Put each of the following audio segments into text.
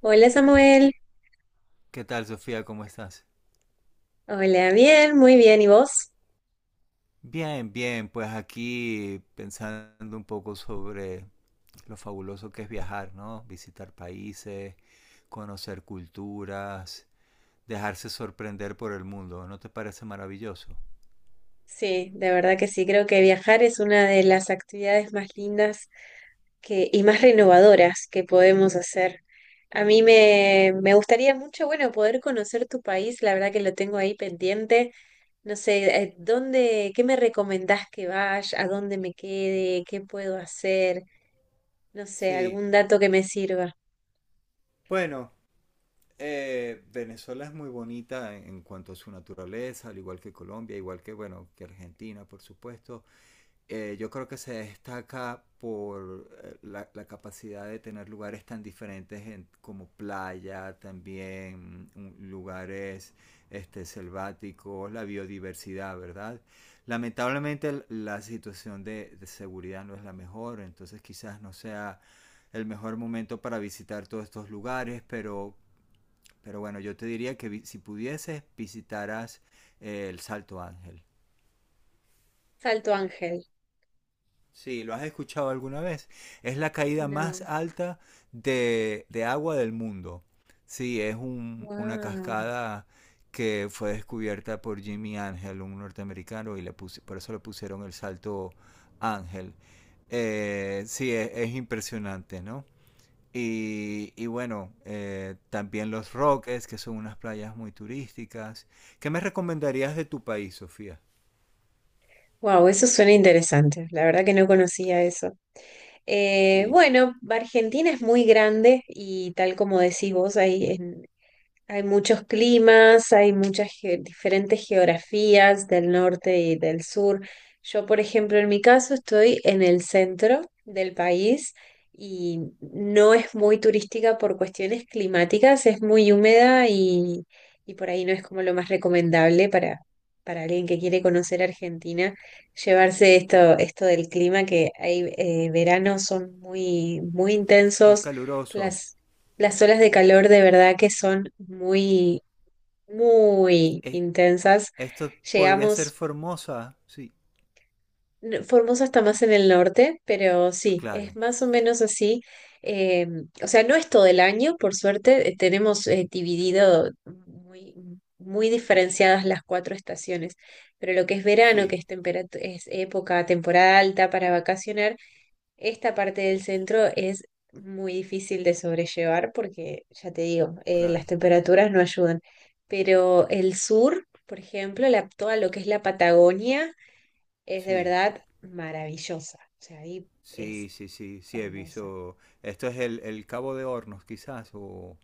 Hola Samuel, ¿Qué tal, Sofía? ¿Cómo estás? hola, bien, muy bien, ¿y vos? Bien, bien, pues aquí pensando un poco sobre lo fabuloso que es viajar, ¿no? Visitar países, conocer culturas, dejarse sorprender por el mundo. ¿No te parece maravilloso? Sí, de verdad que sí, creo que viajar es una de las actividades más lindas y más renovadoras que podemos hacer. A mí me gustaría mucho, bueno, poder conocer tu país, la verdad que lo tengo ahí pendiente. No sé, ¿dónde, qué me recomendás que vaya, a dónde me quede, qué puedo hacer? No sé, Sí, algún dato que me sirva. bueno, Venezuela es muy bonita en cuanto a su naturaleza, al igual que Colombia, igual que, bueno, que Argentina, por supuesto. Eh, yo creo que se destaca por la capacidad de tener lugares tan diferentes como playa, también lugares este, selváticos, la biodiversidad, ¿verdad? Lamentablemente la situación de seguridad no es la mejor, entonces quizás no sea el mejor momento para visitar todos estos lugares, pero, bueno, yo te diría que si pudieses visitaras el Salto Ángel. Salto Ángel. Sí, lo has escuchado alguna vez. Es la caída más No. alta de agua del mundo. Sí, es una Wow. cascada que fue descubierta por Jimmy Ángel, un norteamericano, y por eso le pusieron el Salto Ángel. Sí, es impresionante, ¿no? Y bueno, también los Roques, que son unas playas muy turísticas. ¿Qué me recomendarías de tu país, Sofía? Wow, eso suena interesante. La verdad que no conocía eso. Sí, Bueno, Argentina es muy grande y tal como decís vos, hay muchos climas, hay muchas diferentes geografías del norte y del sur. Yo, por ejemplo, en mi caso estoy en el centro del país y no es muy turística por cuestiones climáticas, es muy húmeda, y por ahí no es como lo más recomendable para alguien que quiere conocer Argentina, llevarse esto del clima, que hay veranos son muy, muy muy intensos. caluroso. Las las olas de calor de verdad que son muy, muy intensas. Esto podría ser Llegamos, Formosa. Sí, Formosa está más en el norte, pero sí, claro. es más o menos así. Eh, o sea, no es todo el año, por suerte, tenemos dividido muy, muy diferenciadas las cuatro estaciones, pero lo que es verano, que Sí, es, temperat- es época, temporada alta para vacacionar, esta parte del centro es muy difícil de sobrellevar porque, ya te digo, las claro. temperaturas no ayudan. Pero el sur, por ejemplo, toda lo que es la Patagonia es de Sí, verdad maravillosa. O sea, ahí es sí, sí, sí, sí he hermosa. visto. Esto es el Cabo de Hornos, quizás, o,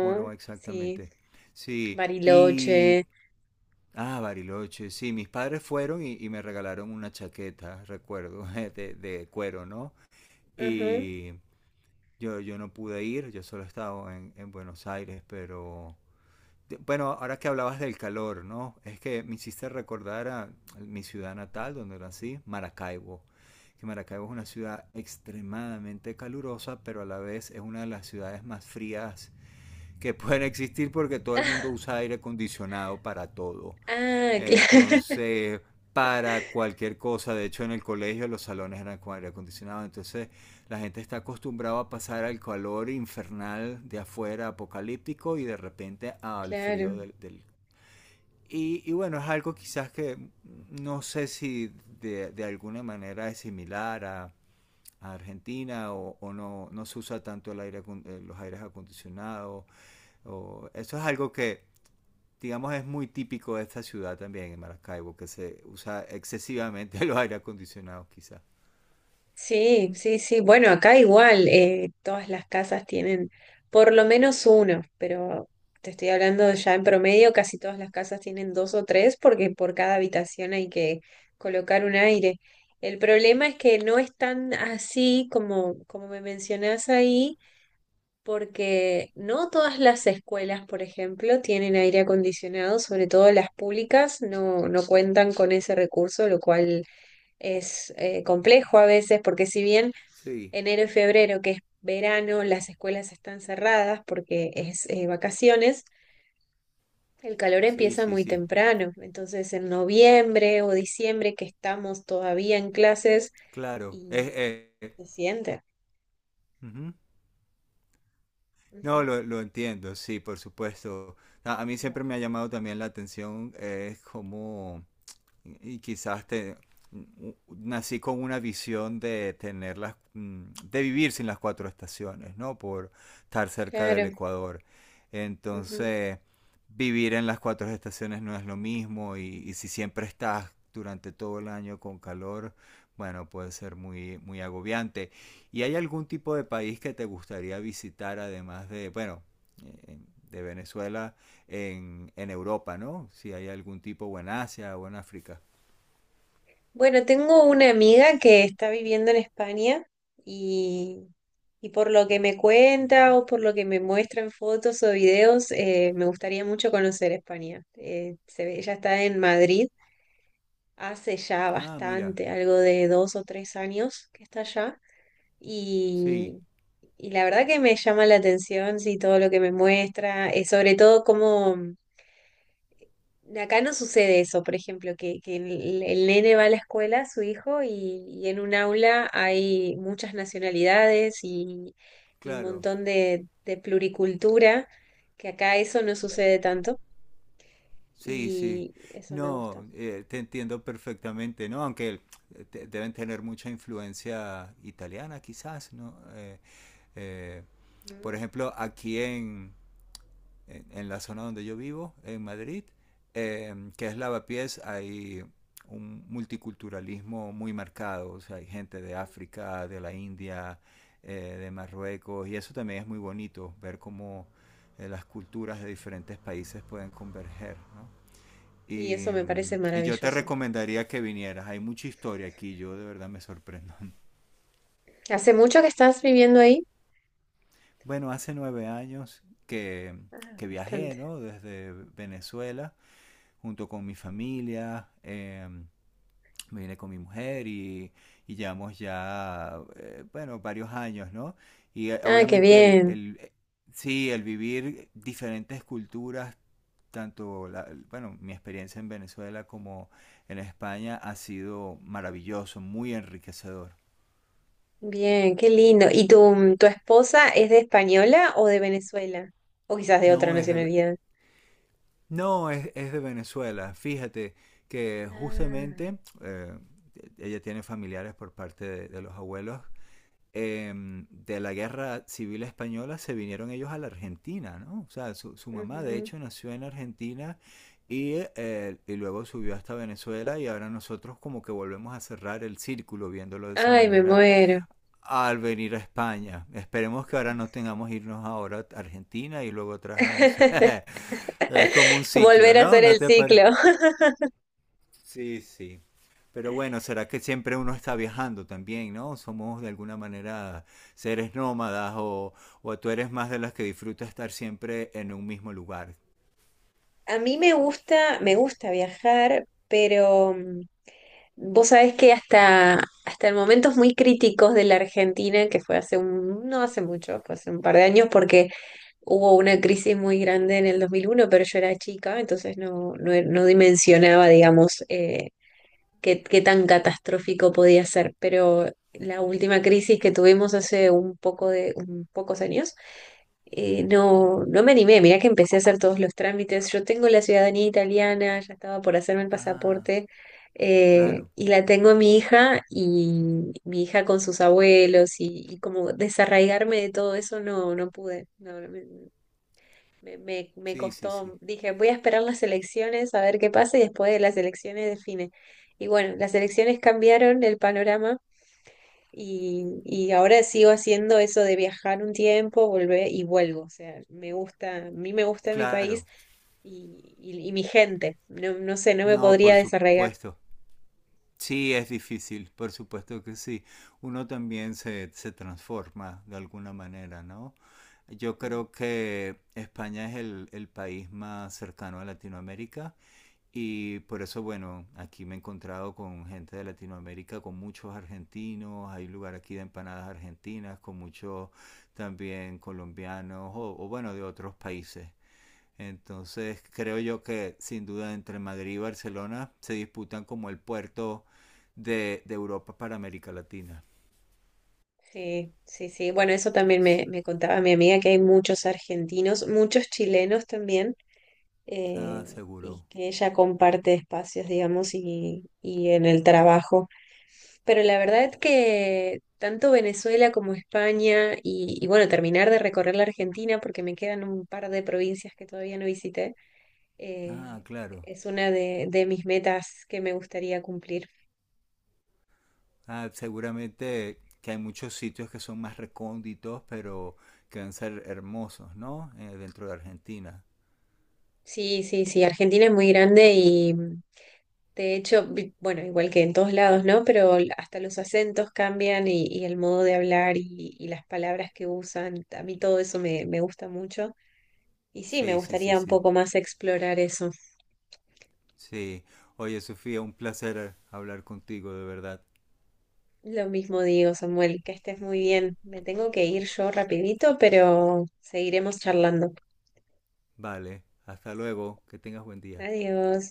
o no sí, exactamente. Sí, y, Bariloche. ah, Bariloche, sí, mis padres fueron y me regalaron una chaqueta, recuerdo, de cuero, ¿no? Ajá. Y yo no pude ir, yo solo estaba en Buenos Aires, pero bueno, ahora que hablabas del calor, ¿no? Es que me hiciste recordar a mi ciudad natal, donde nací, Maracaibo. Que Maracaibo es una ciudad extremadamente calurosa, pero a la vez es una de las ciudades más frías que pueden existir porque todo el mundo usa aire acondicionado para todo. Ah, claro, Entonces, para cualquier cosa, de hecho en el colegio los salones eran con aire acondicionado, entonces la gente está acostumbrada a pasar al calor infernal de afuera, apocalíptico, y de repente al frío claro. del. Y, bueno, es algo quizás que no sé si de alguna manera es similar a Argentina o, no, no se usa tanto los aires acondicionados. O, eso es algo que digamos, es muy típico de esta ciudad también, en Maracaibo, que se usa excesivamente los aire acondicionados, quizás. Sí, sí, sí. Bueno, acá igual, todas las casas tienen por lo menos uno, pero te estoy hablando ya en promedio, casi todas las casas tienen dos o tres porque por cada habitación hay que colocar un aire. El problema es que no es tan así como me mencionás ahí, porque no todas las escuelas, por ejemplo, tienen aire acondicionado, sobre todo las públicas no, no cuentan con ese recurso, lo cual es complejo a veces, porque si bien Sí, enero y febrero, que es verano, las escuelas están cerradas porque es vacaciones, el calor sí, empieza sí, muy sí. temprano. Entonces, en noviembre o diciembre, que estamos todavía en clases Claro. Y es- se siente. ujú. No, Ujú. lo entiendo, sí, por supuesto. A mí Gracias. siempre me ha llamado también la atención cómo y quizás nací con una visión de tener de vivir sin las cuatro estaciones, ¿no? Por estar cerca del Claro. Ecuador. Ujú. Entonces, vivir en las cuatro estaciones no es lo mismo y si siempre estás durante todo el año con calor, bueno, puede ser muy, muy agobiante. ¿Y hay algún tipo de país que te gustaría visitar además eh, de Venezuela? En Europa, ¿no? Si hay algún tipo o en Asia o en África. Bueno, tengo una amiga que está viviendo en España y, y por lo que me cuenta Ujú. o por lo que me muestra en fotos o videos, me gustaría mucho conocer España. Ella está en Madrid hace ya Ah, mira, bastante, algo de dos o tres años que está allá. sí, Y, y la verdad que me llama la atención, sí, todo lo que me muestra, sobre todo cómo, acá no sucede eso, por ejemplo, que el nene va a la escuela, su hijo, y en un aula hay muchas nacionalidades y un claro, montón de pluricultura, que acá eso no sucede tanto. sí, sí. Y eso me gusta. No, te entiendo perfectamente, ¿no? Aunque deben tener mucha influencia italiana, quizás, ¿no? Eh, por ¿Mm? ejemplo, aquí en la zona donde yo vivo, en Madrid, que es Lavapiés, hay un multiculturalismo muy marcado. O sea, hay gente de África, de la India, de Marruecos, y eso también es muy bonito, ver cómo las culturas de diferentes países pueden converger, ¿no? Y Y, eso me parece em, y, yo te maravilloso. recomendaría que vinieras. Hay mucha historia aquí, yo de verdad me sorprendo. ¿Hace mucho que estás viviendo ahí? Bueno, hace 9 años que, Ah, que viajé, bastante. ¿no? Desde Venezuela junto con mi familia. Me vine con mi mujer y llevamos ya, bueno, varios años, ¿no? Y, Ah, qué obviamente el, bien, el, eh, sí, el vivir diferentes culturas, tanto, bueno, mi experiencia en Venezuela como en España ha sido maravilloso, muy enriquecedor. bien, qué lindo. ¿Y tu esposa es de española o de Venezuela? O quizás de otra No, es de, nacionalidad. no, es de Venezuela. Fíjate que Ah, justamente ella tiene familiares por parte de los abuelos de la guerra civil española se vinieron ellos a la Argentina, ¿no? O sea, su mamá de ujú. hecho nació en Argentina y luego subió hasta Venezuela y ahora nosotros como que volvemos a cerrar el círculo viéndolo de esa Ay, me manera muero. al venir a España. Esperemos que ahora no tengamos irnos ahora a Argentina y luego atrás a Venezuela. Es como un ciclo, Volver a ¿no? hacer ¿No el te parece? ciclo. Sí, sí. Pero bueno, será que siempre uno está viajando también, ¿no? Somos de alguna manera seres nómadas o tú eres más de las que disfruta estar siempre en un mismo lugar. A mí me gusta viajar, pero mm, vos sabés hasta en momentos muy críticos de la Argentina, que fue hace un, no hace mucho, fue hace un par de años, porque hubo una crisis muy grande en el 2001, pero yo era chica, entonces no, no, no dimensionaba, digamos, qué tan catastrófico podía ser, pero la última crisis que tuvimos hace un pocos años, no, no me animé, mirá que empecé a hacer todos los trámites, yo tengo la ciudadanía italiana, ya estaba por hacerme el Ah, pasaporte, claro. y la tengo a mi hija y mi hija con sus abuelos, y como desarraigarme de todo eso no, no pude, no, me Sí, sí, costó, sí. dije, voy a esperar las elecciones a ver qué pasa y después de las elecciones define. Y bueno, las elecciones cambiaron el panorama y ahora sigo haciendo eso de viajar un tiempo, volver y vuelvo. O sea, me gusta, a mí me gusta mi país Claro. y, y mi gente. No, no sé, no me No, podría por desarraigar. supuesto. Sí, es difícil, por supuesto que sí. Uno también se transforma de alguna manera, ¿no? Yo Mm. creo que España es el país más cercano a Latinoamérica. Y por eso, bueno, aquí me he encontrado con gente de Latinoamérica, con muchos argentinos, hay un lugar aquí de empanadas argentinas, con muchos también colombianos o bueno, de otros países. Entonces creo yo que sin duda entre Madrid y Barcelona se disputan como el puerto de Europa para América Latina. Sí, sí, sí. Bueno, eso también Sí. Me contaba mi amiga que hay muchos argentinos, muchos chilenos también. Ah, Eh, seguro. y que ella comparte espacios, digamos, y en el trabajo. Pero la verdad es que tanto Venezuela como España y bueno, terminar de recorrer la Argentina porque me quedan un par de provincias que todavía no visité, Ah, eh, claro. es una de mis metas que me gustaría cumplir. Ah, seguramente que hay muchos sitios que son más recónditos, pero que van a ser hermosos, ¿no? Dentro de Argentina. Sí, sí, sí, Argentina es muy grande. De hecho, bueno, igual que en todos lados, ¿no? Pero hasta los acentos cambian y el modo de hablar y las palabras que usan. A mí todo eso me gusta mucho. Y sí, me Sí, sí, sí, gustaría un sí. poco más explorar eso. Sí. Oye, Sofía, un placer hablar contigo, de verdad. Lo mismo digo, Samuel, que estés muy bien. Me tengo que ir yo rapidito, pero seguiremos charlando. Vale, hasta luego, que tengas buen día. Adiós.